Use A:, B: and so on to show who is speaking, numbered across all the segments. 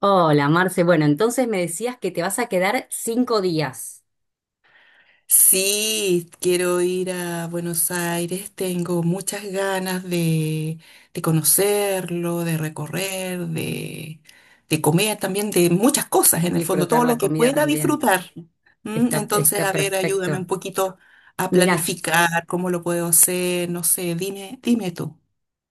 A: Hola, Marce. Bueno, entonces me decías que te vas a quedar 5 días.
B: Sí, quiero ir a Buenos Aires, tengo muchas ganas de conocerlo, de recorrer, de comer también, de muchas cosas en el fondo,
A: Disfrutar
B: todo
A: la
B: lo que
A: comida
B: pueda
A: también.
B: disfrutar. ¿Mm?
A: Está,
B: Entonces,
A: está
B: a ver, ayúdame un
A: perfecto.
B: poquito a
A: Mira, yo,
B: planificar cómo lo puedo hacer, no sé, dime tú.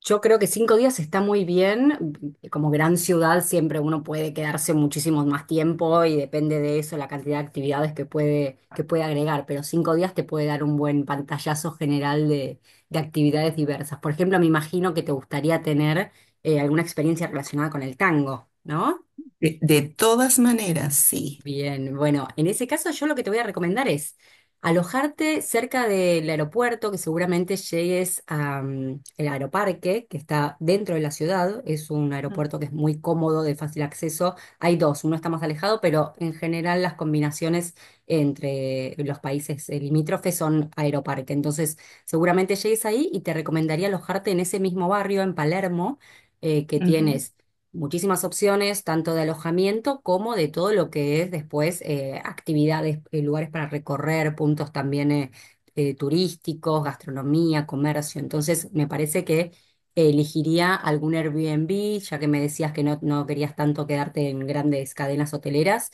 A: yo creo que 5 días está muy bien. Como gran ciudad siempre uno puede quedarse muchísimo más tiempo y depende de eso la cantidad de actividades que puede agregar. Pero 5 días te puede dar un buen pantallazo general de actividades diversas. Por ejemplo, me imagino que te gustaría tener alguna experiencia relacionada con el tango, ¿no?
B: De todas maneras, sí.
A: Bien, bueno, en ese caso yo lo que te voy a recomendar es alojarte cerca del aeropuerto, que seguramente llegues al aeroparque, que está dentro de la ciudad. Es un
B: Mm,
A: aeropuerto que es muy cómodo, de fácil acceso. Hay dos, uno está más alejado, pero en general las combinaciones entre los países limítrofes son aeroparque. Entonces, seguramente llegues ahí y te recomendaría alojarte en ese mismo barrio, en Palermo, que
B: ujú,
A: tienes muchísimas opciones, tanto de alojamiento como de todo lo que es después actividades, lugares para recorrer, puntos también turísticos, gastronomía, comercio. Entonces, me parece que elegiría algún Airbnb, ya que me decías que no, no querías tanto quedarte en grandes cadenas hoteleras,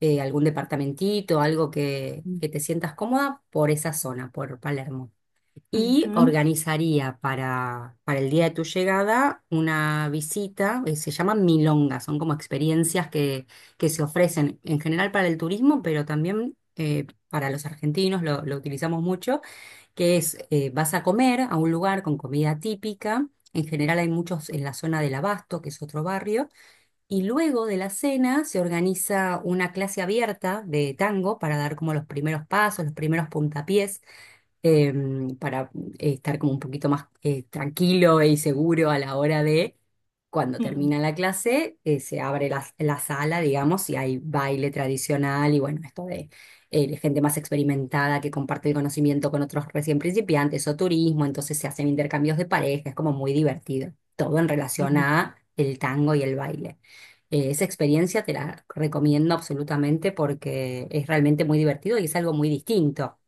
A: algún departamentito, algo que,
B: mm,
A: que te sientas cómoda por esa zona, por Palermo, y
B: ujú,
A: organizaría para el día de tu llegada una visita. Se llaman milongas, son como experiencias que se ofrecen en general para el turismo, pero también para los argentinos lo utilizamos mucho, que es vas a comer a un lugar con comida típica. En general hay muchos en la zona del Abasto, que es otro barrio, y luego de la cena se organiza una clase abierta de tango para dar como los primeros pasos, los primeros puntapiés para estar como un poquito más tranquilo y seguro a la hora de cuando
B: mm,
A: termina la clase. Se abre la sala, digamos, y hay baile tradicional y bueno, esto de gente más experimentada que comparte el conocimiento con otros recién principiantes o turismo, entonces se hacen intercambios de pareja, es como muy divertido, todo en relación
B: ujú.
A: a el tango y el baile. Esa experiencia te la recomiendo absolutamente porque es realmente muy divertido y es algo muy distinto.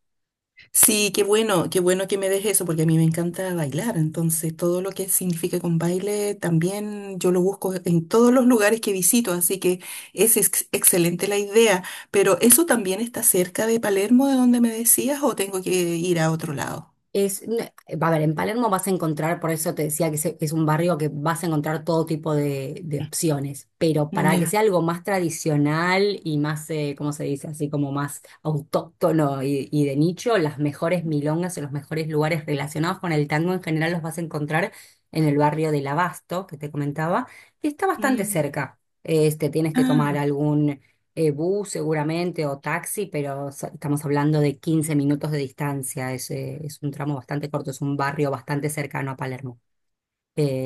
B: Sí, qué bueno que me dejes eso, porque a mí me encanta bailar, entonces todo lo que significa con baile también yo lo busco en todos los lugares que visito, así que excelente la idea, pero ¿eso también está cerca de Palermo, de donde me decías, o tengo que ir a otro lado?
A: Es, n- Va a ver, en Palermo vas a encontrar, por eso te decía que es un barrio que vas a encontrar todo tipo de opciones, pero
B: Mm,
A: para que
B: ya.
A: sea algo más tradicional y más, ¿cómo se dice? Así como más autóctono y de nicho, las mejores milongas o los mejores lugares relacionados con el tango en general los vas a encontrar en el barrio del Abasto, que te comentaba, que está bastante
B: Mm,
A: cerca. Este, tienes que
B: ah,
A: tomar algún bus seguramente o taxi, pero estamos hablando de 15 minutos de distancia. Es un tramo bastante corto, es un barrio bastante cercano a Palermo.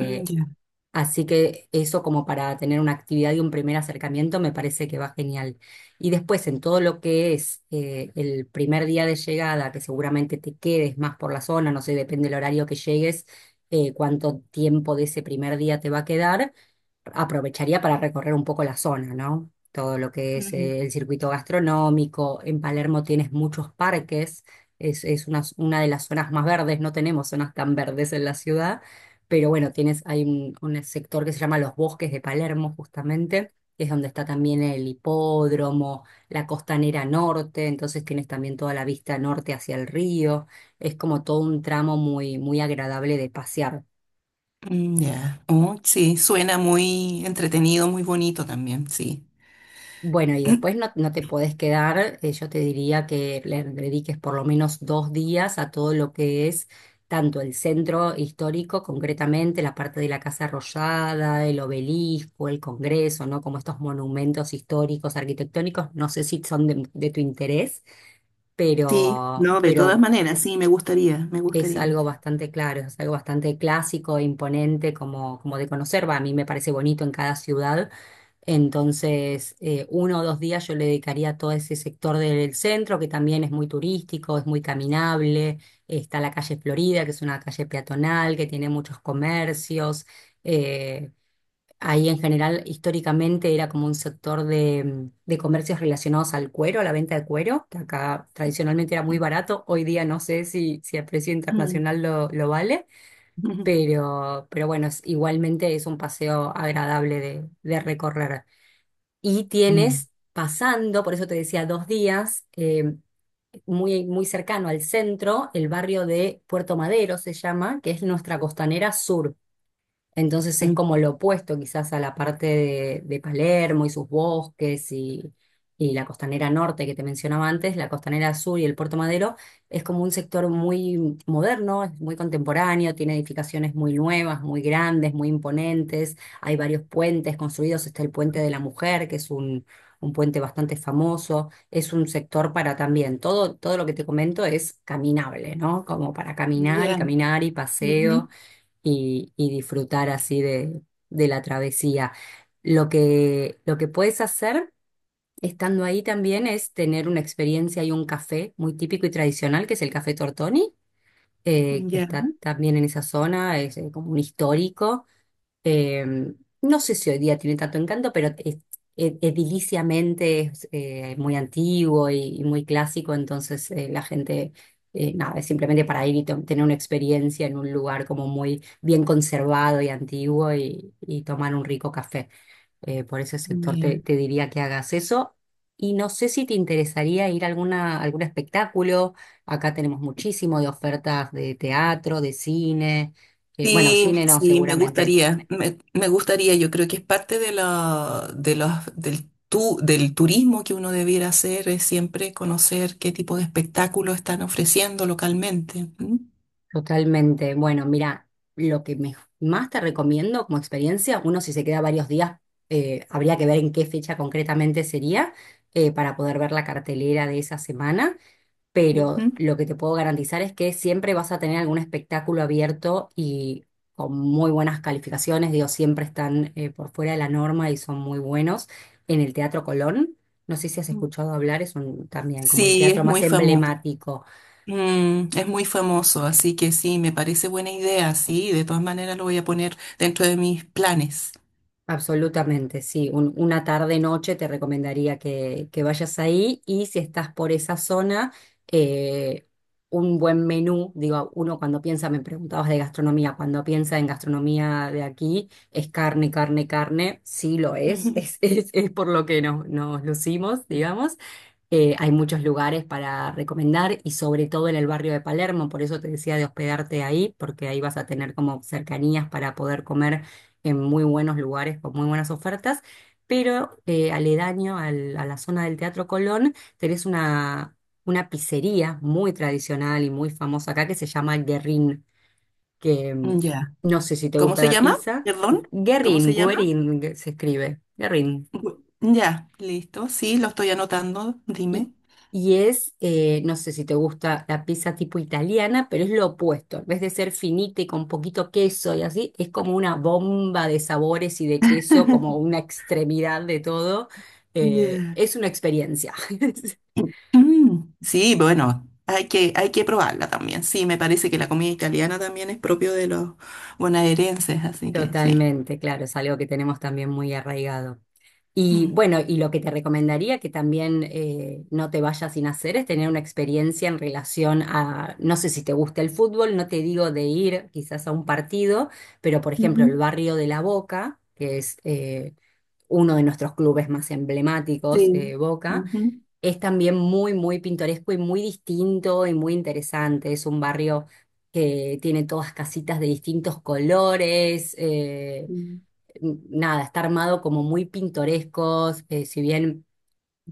B: mm, ya,
A: Así que eso como para tener una actividad y un primer acercamiento me parece que va genial. Y después en todo lo que es el primer día de llegada, que seguramente te quedes más por la zona, no sé, depende del horario que llegues, cuánto tiempo de ese primer día te va a quedar aprovecharía para recorrer un poco la zona, ¿no? Todo lo que es
B: mm,
A: el circuito gastronómico. En Palermo tienes muchos parques, es una de las zonas más verdes, no tenemos zonas tan verdes en la ciudad, pero bueno, hay un sector que se llama los Bosques de Palermo, justamente, que es donde está también el hipódromo, la costanera norte, entonces tienes también toda la vista norte hacia el río. Es como todo un tramo muy, muy agradable de pasear.
B: mm, ya. Oh, sí, suena muy entretenido, muy bonito también, sí.
A: Bueno, y después no, no te podés quedar. Yo te diría que le dediques por lo menos 2 días a todo lo que es tanto el centro histórico, concretamente la parte de la Casa Rosada, el obelisco, el Congreso, ¿no? Como estos monumentos históricos, arquitectónicos, no sé si son de tu interés,
B: Sí, no, de todas
A: pero
B: maneras, sí, me gustaría, me
A: es
B: gustaría.
A: algo bastante claro, es algo bastante clásico, e imponente, como, como de conocer, va, a mí me parece bonito en cada ciudad. Entonces, 1 o 2 días yo le dedicaría a todo ese sector del centro, que también es muy turístico, es muy caminable. Está la calle Florida, que es una calle peatonal, que tiene muchos comercios. Eh, Ahí en general, históricamente era como un sector de comercios relacionados al cuero, a la venta de cuero, que acá tradicionalmente era muy barato. Hoy día no sé si, si a precio
B: Mm.
A: internacional lo vale, pero, pero bueno, igualmente es un paseo agradable de recorrer. Y
B: Mm,
A: tienes pasando, por eso te decía 2 días, muy, muy cercano al centro, el barrio de Puerto Madero se llama, que es nuestra costanera sur. Entonces es
B: mm,
A: como lo opuesto quizás a la parte de Palermo y sus bosques y la costanera norte que te mencionaba antes, la costanera sur y el Puerto Madero, es como un sector muy moderno, es muy contemporáneo, tiene edificaciones muy nuevas, muy grandes, muy imponentes, hay varios puentes construidos, está el Puente de la Mujer, que es un puente bastante famoso, es un sector para también, todo, todo lo que te comento es caminable, ¿no? Como para caminar y
B: ya,
A: caminar y paseo
B: ujú,
A: y disfrutar así de la travesía. Lo que puedes hacer estando ahí también es tener una experiencia y un café muy típico y tradicional, que es el Café Tortoni, que
B: ya,
A: está también en esa zona, es como un histórico. eh, no sé si hoy día tiene tanto encanto, pero ediliciamente es muy antiguo y muy clásico, entonces la gente, nada, es simplemente para ir y tener una experiencia en un lugar como muy bien conservado y antiguo y tomar un rico café. Por ese sector
B: ya.
A: te diría que hagas eso. Y no sé si te interesaría ir a alguna, algún espectáculo. Acá tenemos muchísimo de ofertas de teatro, de cine. Bueno,
B: Sí,
A: cine no,
B: sí, me
A: seguramente.
B: gustaría, me gustaría, yo creo que es parte de la, de los, del, tu, del turismo que uno debiera hacer, es siempre conocer qué tipo de espectáculos están ofreciendo localmente. ¿M?
A: Totalmente. Bueno, mira, lo que más te recomiendo como experiencia, uno si se queda varios días, habría que ver en qué fecha concretamente sería. Para poder ver la cartelera de esa semana, pero
B: Ujú.
A: lo que te puedo garantizar es que siempre vas a tener algún espectáculo abierto y con muy buenas calificaciones, digo, siempre están por fuera de la norma y son muy buenos en el Teatro Colón. No sé si has
B: Mm.
A: escuchado hablar, es un, también como el
B: Sí, es
A: teatro más
B: muy famoso.
A: emblemático.
B: Mm, es muy famoso, así que sí, me parece buena idea, sí, de todas maneras lo voy a poner dentro de mis planes.
A: Absolutamente, sí. Una tarde-noche te recomendaría que vayas ahí y si estás por esa zona, eh, un buen menú, digo, uno cuando piensa, me preguntabas de gastronomía, cuando piensa en gastronomía de aquí, es carne, carne, carne, sí lo es,
B: Ujú.
A: es por lo que nos lucimos, digamos, hay muchos lugares para recomendar y sobre todo en el barrio de Palermo, por eso te decía de hospedarte ahí, porque ahí vas a tener como cercanías para poder comer en muy buenos lugares con muy buenas ofertas. Pero aledaño a la zona del Teatro Colón tenés una, pizzería muy tradicional y muy famosa acá que se llama Guerrín, que
B: Ya.
A: no sé si te
B: ¿Cómo
A: gusta
B: se
A: la
B: llama?
A: pizza.
B: Perdón, ¿cómo
A: Guerrín,
B: se llama?
A: Guerín se escribe, Guerrín.
B: Ya, listo. Sí, lo estoy anotando.
A: Y,
B: Dime.
A: y no sé si te gusta la pizza tipo italiana, pero es lo opuesto. En vez de ser finita y con poquito queso y así, es como una bomba de sabores y de queso, como una extremidad de todo.
B: Ya.
A: Es una experiencia.
B: Mm, sí, bueno, hay que probarla también. Sí, me parece que la comida italiana también es propio de los bonaerenses, así que sí.
A: Totalmente, claro, es algo que tenemos también muy arraigado. Y
B: Mm.
A: bueno, y lo que te recomendaría que también no te vayas sin hacer es tener una experiencia en relación a, no sé si te gusta el fútbol, no te digo de ir quizás a un partido, pero por ejemplo
B: Ujú,
A: el barrio de La Boca, que es uno de nuestros clubes más emblemáticos,
B: sí.
A: Boca,
B: Ujú.
A: es también muy, muy pintoresco y muy distinto y muy interesante. Es un barrio que tiene todas casitas de distintos colores.
B: Mm.
A: Nada, está armado como muy pintorescos, si bien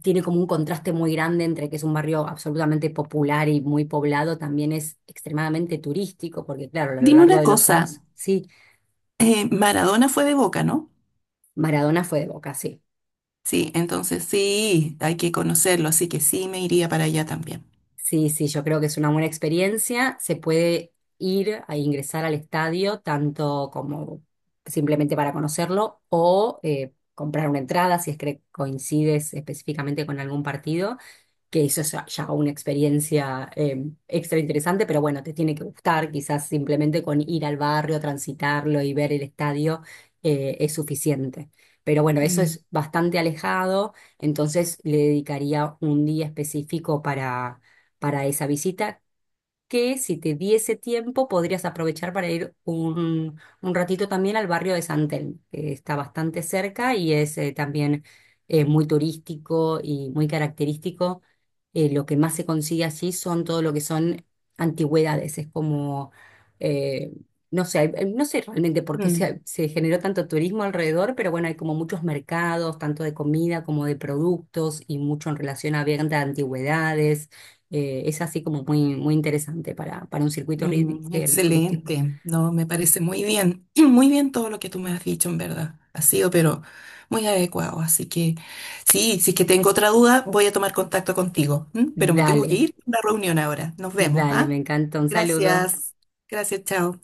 A: tiene como un contraste muy grande entre que es un barrio absolutamente popular y muy poblado, también es extremadamente turístico, porque claro, a lo
B: Dime
A: largo
B: una
A: de los
B: cosa,
A: años, sí,
B: Maradona fue de Boca, ¿no?
A: Maradona fue de Boca, sí.
B: Sí, entonces sí, hay que conocerlo, así que sí me iría para allá también.
A: Sí, sí, yo creo que es una buena experiencia, se puede ir a ingresar al estadio, tanto como simplemente para conocerlo o comprar una entrada si es que coincides específicamente con algún partido que eso es ya una experiencia extra interesante, pero bueno, te tiene que gustar, quizás simplemente con ir al barrio, transitarlo y ver el estadio es suficiente. Pero bueno, eso
B: Mm,
A: es bastante alejado, entonces le dedicaría un día específico para esa visita que si te diese tiempo podrías aprovechar para ir un, ratito también al barrio de San Telmo, que está bastante cerca y es también muy turístico y muy característico. Lo que más se consigue allí son todo lo que son antigüedades, es como, eh, no sé, no sé realmente por qué
B: mm.
A: se generó tanto turismo alrededor, pero bueno, hay como muchos mercados, tanto de comida como de productos y mucho en relación a venta de antigüedades. Es así como muy, muy interesante para un circuito
B: Mm,
A: turístico.
B: excelente, no, me parece muy bien, muy bien todo lo que tú me has dicho, en verdad. Ha sido, pero muy adecuado. Así que sí, si es que tengo otra duda, voy a tomar contacto contigo. ¿M? Pero me tengo que
A: Dale,
B: ir a una reunión ahora. Nos vemos,
A: dale, me
B: ¿ah?
A: encanta. Un saludo.
B: Gracias, gracias, chao.